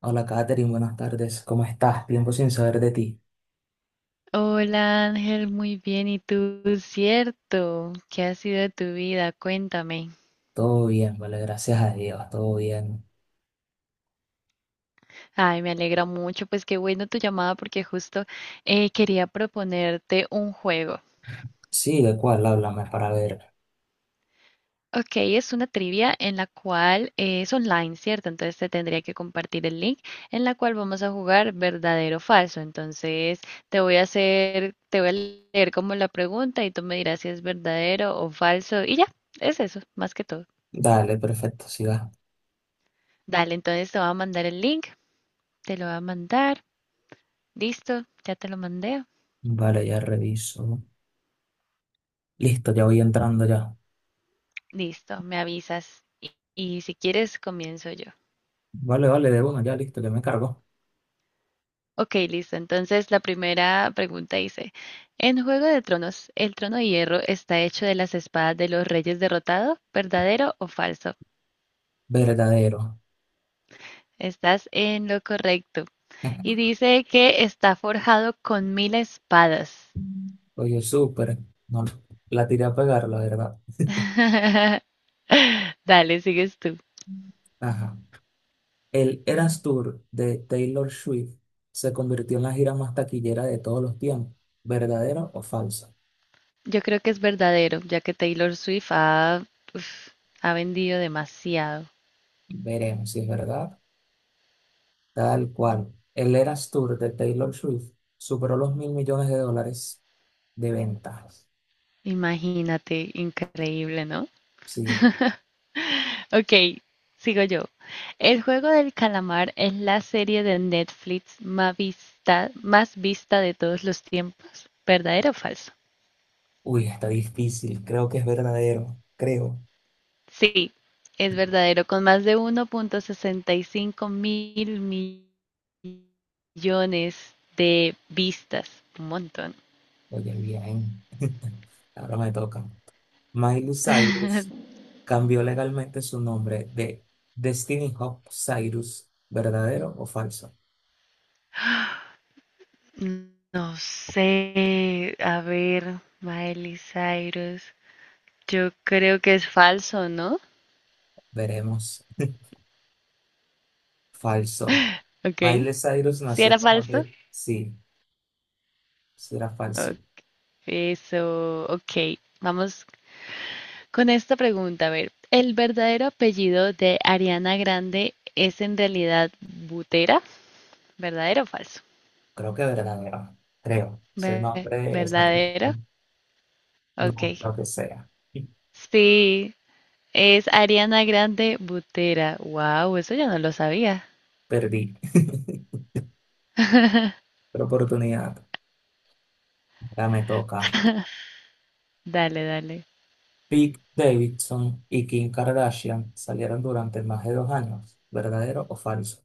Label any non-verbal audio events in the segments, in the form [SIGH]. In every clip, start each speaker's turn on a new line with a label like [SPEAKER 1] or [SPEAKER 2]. [SPEAKER 1] Hola Katherine, buenas tardes. ¿Cómo estás? Tiempo sin saber de ti.
[SPEAKER 2] Hola Ángel, muy bien. ¿Y tú? Cierto. ¿Qué ha sido de tu vida? Cuéntame.
[SPEAKER 1] Todo bien, vale, gracias a Dios, todo bien.
[SPEAKER 2] Ay, me alegra mucho. Pues qué bueno tu llamada porque justo quería proponerte un juego.
[SPEAKER 1] Sí, ¿de cuál? Háblame para ver.
[SPEAKER 2] Ok, es una trivia en la cual es online, ¿cierto? Entonces te tendría que compartir el link en la cual vamos a jugar verdadero o falso. Entonces te voy a hacer, te voy a leer como la pregunta y tú me dirás si es verdadero o falso. Y ya, es eso, más que todo.
[SPEAKER 1] Dale, perfecto, siga.
[SPEAKER 2] Dale, entonces te voy a mandar el link. Te lo va a mandar. Listo, ya te lo mandé.
[SPEAKER 1] Vale, ya reviso. Listo, ya voy entrando ya.
[SPEAKER 2] Listo, me avisas. Y si quieres, comienzo yo.
[SPEAKER 1] Vale, vale, de uno, ya listo, ya me cargo.
[SPEAKER 2] Ok, listo. Entonces, la primera pregunta dice, en Juego de Tronos, ¿el trono de hierro está hecho de las espadas de los reyes derrotados? ¿Verdadero o falso?
[SPEAKER 1] Verdadero.
[SPEAKER 2] Estás en lo correcto. Y
[SPEAKER 1] [LAUGHS]
[SPEAKER 2] dice que está forjado con 1.000 espadas.
[SPEAKER 1] Oye, súper. No, la tiré a pegar, la verdad.
[SPEAKER 2] [LAUGHS] Dale, sigues tú.
[SPEAKER 1] Ajá. El Eras Tour de Taylor Swift se convirtió en la gira más taquillera de todos los tiempos. ¿Verdadero o falso?
[SPEAKER 2] Yo creo que es verdadero, ya que Taylor Swift uf, ha vendido demasiado.
[SPEAKER 1] Veremos si es verdad. Tal cual. El Eras Tour de Taylor Swift superó los mil millones de dólares de ventas.
[SPEAKER 2] Imagínate, increíble, ¿no?
[SPEAKER 1] Sí.
[SPEAKER 2] Ok, sigo yo. El juego del calamar es la serie de Netflix más vista de todos los tiempos. ¿Verdadero o falso?
[SPEAKER 1] Uy, está difícil. Creo que es verdadero. Creo.
[SPEAKER 2] Sí, es verdadero, con más de 1.65 mil millones de vistas. Un montón.
[SPEAKER 1] Oye, bien. [LAUGHS] Ahora me toca. Miley Cyrus cambió legalmente su nombre de Destiny Hope Cyrus. ¿Verdadero o falso?
[SPEAKER 2] No sé, a ver, Miley Cyrus. Yo creo que es falso, ¿no?
[SPEAKER 1] Veremos. Falso.
[SPEAKER 2] Ok.
[SPEAKER 1] Miley Cyrus
[SPEAKER 2] ¿Si
[SPEAKER 1] nació
[SPEAKER 2] era
[SPEAKER 1] como
[SPEAKER 2] falso?
[SPEAKER 1] de... Sí, será
[SPEAKER 2] O-
[SPEAKER 1] falso.
[SPEAKER 2] Eso, ok. Vamos con esta pregunta. A ver, ¿el verdadero apellido de Ariana Grande es en realidad Butera? ¿Verdadero o falso?
[SPEAKER 1] Creo que verdadero. Creo. Ese nombre es
[SPEAKER 2] ¿Verdadero?
[SPEAKER 1] apellido.
[SPEAKER 2] Ok.
[SPEAKER 1] No, lo que sea.
[SPEAKER 2] Sí, es Ariana Grande Butera. Wow, eso yo no lo sabía.
[SPEAKER 1] Perdí. [LAUGHS] Otra oportunidad. Ya me toca.
[SPEAKER 2] Dale, dale.
[SPEAKER 1] Pete Davidson y Kim Kardashian salieron durante más de 2 años. ¿Verdadero o falso?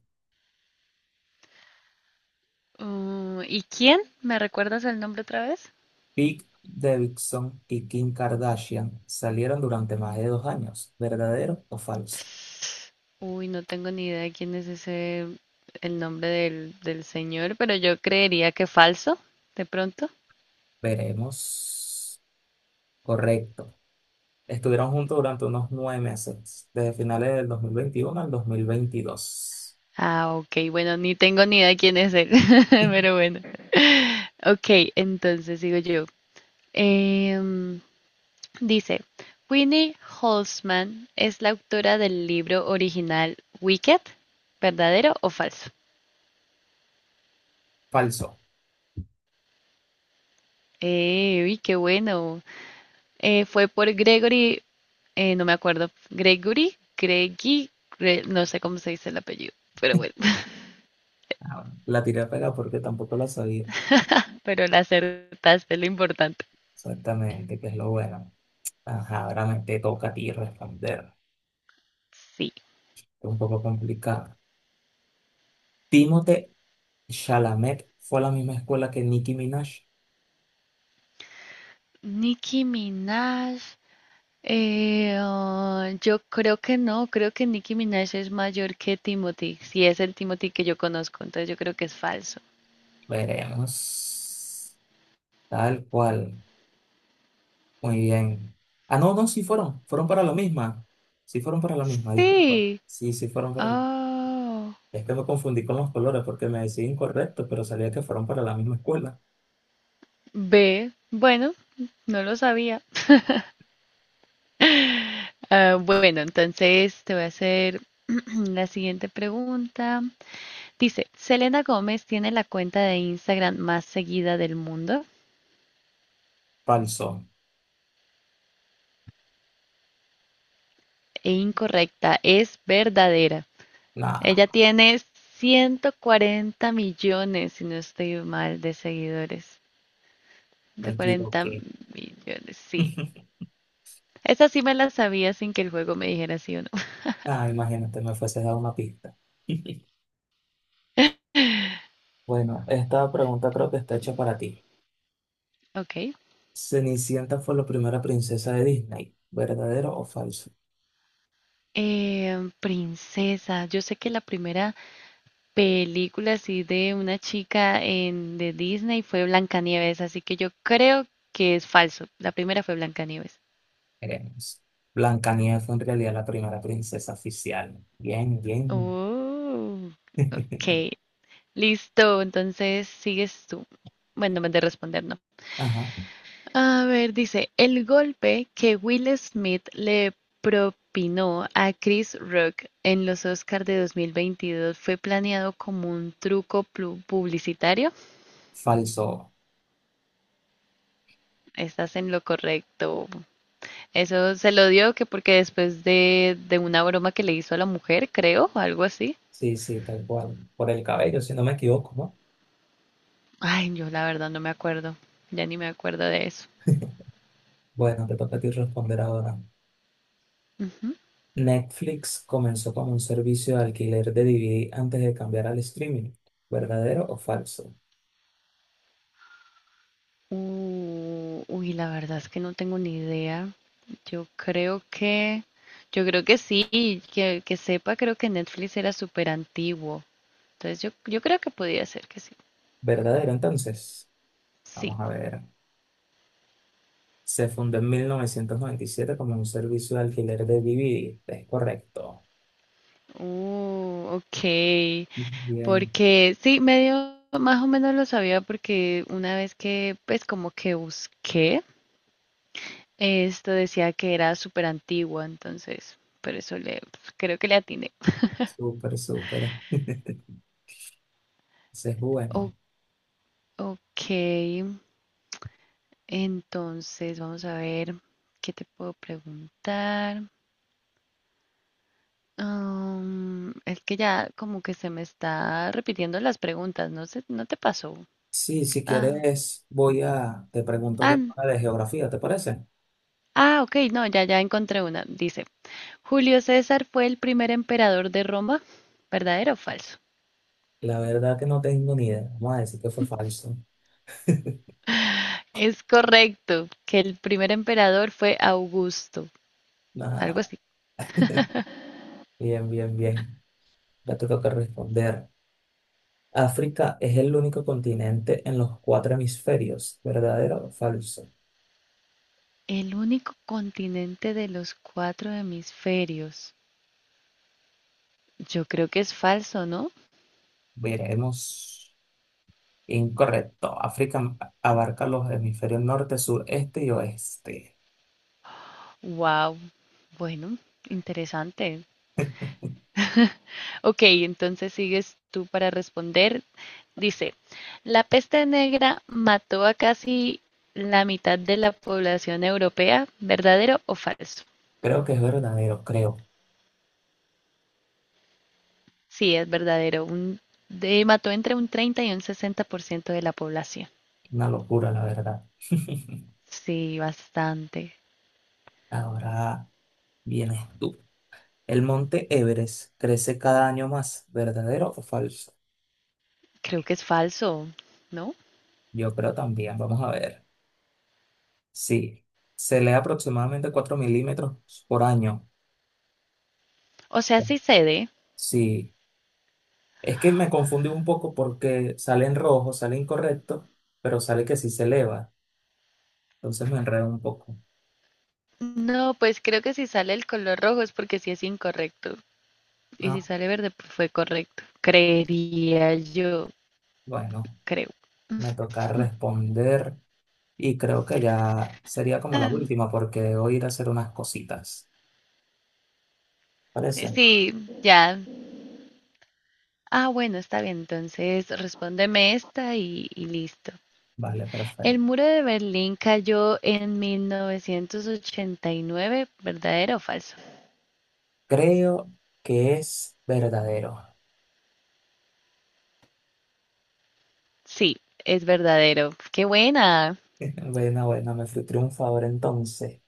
[SPEAKER 2] ¿Y quién? ¿Me recuerdas el nombre otra vez?
[SPEAKER 1] Pete Davidson y Kim Kardashian salieron durante más de dos años. ¿Verdadero o falso?
[SPEAKER 2] Uy, no tengo ni idea de quién es ese, el nombre del señor, pero yo creería que falso, de pronto.
[SPEAKER 1] Veremos. Correcto. Estuvieron juntos durante unos 9 meses, desde finales del 2021 al 2022.
[SPEAKER 2] Ah, ok, bueno, ni tengo ni idea de quién es él, [LAUGHS]
[SPEAKER 1] [LAUGHS]
[SPEAKER 2] pero bueno. Ok, entonces sigo yo. Em, Dice, Winnie Holzman es la autora del libro original Wicked, ¿verdadero o falso?
[SPEAKER 1] Falso.
[SPEAKER 2] Uy, qué bueno. Fue por Gregory, no me acuerdo, Gregory, Greggy, no sé cómo se dice el apellido, pero bueno, [LAUGHS]
[SPEAKER 1] Ah, bueno, la tiré a pegar porque tampoco la sabía.
[SPEAKER 2] pero la acertaste, es lo importante.
[SPEAKER 1] Exactamente, que es lo bueno. Ajá, ahora me te toca a ti responder.
[SPEAKER 2] Sí.
[SPEAKER 1] Es un poco complicado. Timothée Chalamet fue a la misma escuela que Nicki Minaj.
[SPEAKER 2] Nicki Minaj, ah, yo creo que no, creo que Nicki Minaj es mayor que Timothy, si es el Timothy que yo conozco, entonces yo creo que es falso.
[SPEAKER 1] Veremos. Tal cual. Muy bien. Ah, no, no, sí fueron. Fueron para la misma. Sí fueron para la misma, disculpa.
[SPEAKER 2] Sí.
[SPEAKER 1] Sí, sí fueron para la misma.
[SPEAKER 2] Oh,
[SPEAKER 1] Es que me confundí con los colores porque me decía incorrecto, pero sabía que fueron para la misma escuela.
[SPEAKER 2] ve, bueno, no lo sabía. Ah, bueno, entonces te voy a hacer [CLEARS THROAT] la siguiente pregunta. Dice, Selena Gómez tiene la cuenta de Instagram más seguida del mundo.
[SPEAKER 1] Falso.
[SPEAKER 2] E incorrecta, es verdadera. Ella
[SPEAKER 1] Nah,
[SPEAKER 2] tiene 140 millones, si no estoy mal, de seguidores.
[SPEAKER 1] me
[SPEAKER 2] 140
[SPEAKER 1] equivoqué.
[SPEAKER 2] millones, sí.
[SPEAKER 1] [LAUGHS]
[SPEAKER 2] Esa sí me la sabía sin que el juego me dijera sí o no. [LAUGHS]
[SPEAKER 1] Ah, imagínate, me fuese dado una pista. [LAUGHS] Bueno, esta pregunta creo que está hecha para ti.
[SPEAKER 2] Ok.
[SPEAKER 1] Cenicienta fue la primera princesa de Disney, ¿verdadero o falso?
[SPEAKER 2] Princesa, yo sé que la primera película así de una chica en, de Disney fue Blancanieves, así que yo creo que es falso. La primera fue Blancanieves.
[SPEAKER 1] Veremos. Blancanieves fue en realidad la primera princesa oficial. Bien, bien.
[SPEAKER 2] Oh, ok.
[SPEAKER 1] [LAUGHS]
[SPEAKER 2] Listo, entonces sigues tú. Bueno, me de responder, no.
[SPEAKER 1] Ajá,
[SPEAKER 2] A ver, dice, el golpe que Will Smith le propinó a Chris Rock en los Oscars de 2022 fue planeado como un truco publicitario.
[SPEAKER 1] falso.
[SPEAKER 2] Estás en lo correcto. Eso se lo dio que porque después de una broma que le hizo a la mujer, creo, algo así.
[SPEAKER 1] Sí, sí, tal cual. Por el cabello, si no me equivoco, ¿no?
[SPEAKER 2] Ay, yo la verdad no me acuerdo. Ya ni me acuerdo de eso.
[SPEAKER 1] Bueno, te toca a ti responder ahora.
[SPEAKER 2] Ujú.
[SPEAKER 1] Netflix comenzó como un servicio de alquiler de DVD antes de cambiar al streaming. ¿Verdadero o falso?
[SPEAKER 2] Uy, la verdad es que no tengo ni idea. Yo creo que, yo creo que sí, que sepa, creo que Netflix era súper antiguo. Entonces yo creo que podía ser que sí.
[SPEAKER 1] Verdadero, entonces.
[SPEAKER 2] Sí.
[SPEAKER 1] Vamos a ver. Se fundó en 1997 como un servicio de alquiler de DVD. Es correcto.
[SPEAKER 2] Ok.
[SPEAKER 1] Bien,
[SPEAKER 2] Porque sí, medio más o menos lo sabía porque una vez que pues como que busqué, esto decía que era súper antigua, entonces por eso le creo que le atiné.
[SPEAKER 1] súper, súper. [LAUGHS] Ese es
[SPEAKER 2] O-
[SPEAKER 1] bueno.
[SPEAKER 2] ok, entonces vamos a ver qué te puedo preguntar. Es que ya como que se me está repitiendo las preguntas, no sé, no te pasó.
[SPEAKER 1] Sí, si
[SPEAKER 2] Ah,
[SPEAKER 1] quieres, te pregunto yo
[SPEAKER 2] ah,
[SPEAKER 1] ahora de geografía, ¿te parece?
[SPEAKER 2] ok, no, ya, ya encontré una. Dice, Julio César fue el primer emperador de Roma, ¿verdadero o falso?
[SPEAKER 1] La verdad que no tengo ni idea. Vamos a decir que fue falso.
[SPEAKER 2] Es correcto que el primer emperador fue Augusto, algo
[SPEAKER 1] Ah,
[SPEAKER 2] así.
[SPEAKER 1] bien, bien, bien. Ya te toca responder. África es el único continente en los cuatro hemisferios. ¿Verdadero o falso?
[SPEAKER 2] El único continente de los cuatro hemisferios. Yo creo que es falso, ¿no?
[SPEAKER 1] Veremos. Incorrecto. África abarca los hemisferios norte, sur, este y oeste.
[SPEAKER 2] Wow. Bueno, interesante. Ok, entonces sigues tú para responder. Dice, la peste negra mató a casi la mitad de la población europea, ¿verdadero o falso?
[SPEAKER 1] Creo que es verdadero, creo.
[SPEAKER 2] Sí, es verdadero. Un, de- mató entre un 30% y un 60% de la población.
[SPEAKER 1] Una locura, la verdad. [LAUGHS]
[SPEAKER 2] Sí, bastante.
[SPEAKER 1] Ahora vienes tú. El monte Everest crece cada año más, ¿verdadero o falso?
[SPEAKER 2] Creo que es falso, ¿no?
[SPEAKER 1] Yo creo también. Vamos a ver. Sí. Se lee aproximadamente 4 milímetros por año.
[SPEAKER 2] O sea, sí cede.
[SPEAKER 1] Sí. Es que me confundí un poco porque sale en rojo, sale incorrecto, pero sale que sí se eleva. Entonces me enredo un poco.
[SPEAKER 2] No, pues creo que si sale el color rojo es porque sí es incorrecto. Y si
[SPEAKER 1] Ah,
[SPEAKER 2] sale verde, pues fue correcto. Creería yo,
[SPEAKER 1] bueno.
[SPEAKER 2] creo.
[SPEAKER 1] Me toca
[SPEAKER 2] [LAUGHS]
[SPEAKER 1] responder y creo que ya sería como la
[SPEAKER 2] Am,
[SPEAKER 1] última porque debo ir a hacer unas cositas. ¿Parece?
[SPEAKER 2] Sí, ya. Ah, bueno, está bien. Entonces, respóndeme esta y listo.
[SPEAKER 1] Vale,
[SPEAKER 2] El
[SPEAKER 1] perfecto.
[SPEAKER 2] muro de Berlín cayó en 1989, ¿verdadero o falso?
[SPEAKER 1] Creo que es verdadero.
[SPEAKER 2] Sí, es verdadero. ¡Qué buena!
[SPEAKER 1] [LAUGHS] Bueno, bueno, me fui triunfador entonces.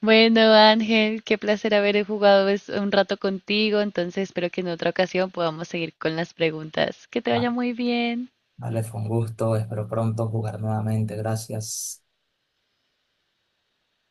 [SPEAKER 2] Bueno, Ángel, qué placer haber jugado un rato contigo. Entonces, espero que en otra ocasión podamos seguir con las preguntas. Que te
[SPEAKER 1] Va,
[SPEAKER 2] vaya muy bien.
[SPEAKER 1] vale, fue un gusto. Espero pronto jugar nuevamente. Gracias.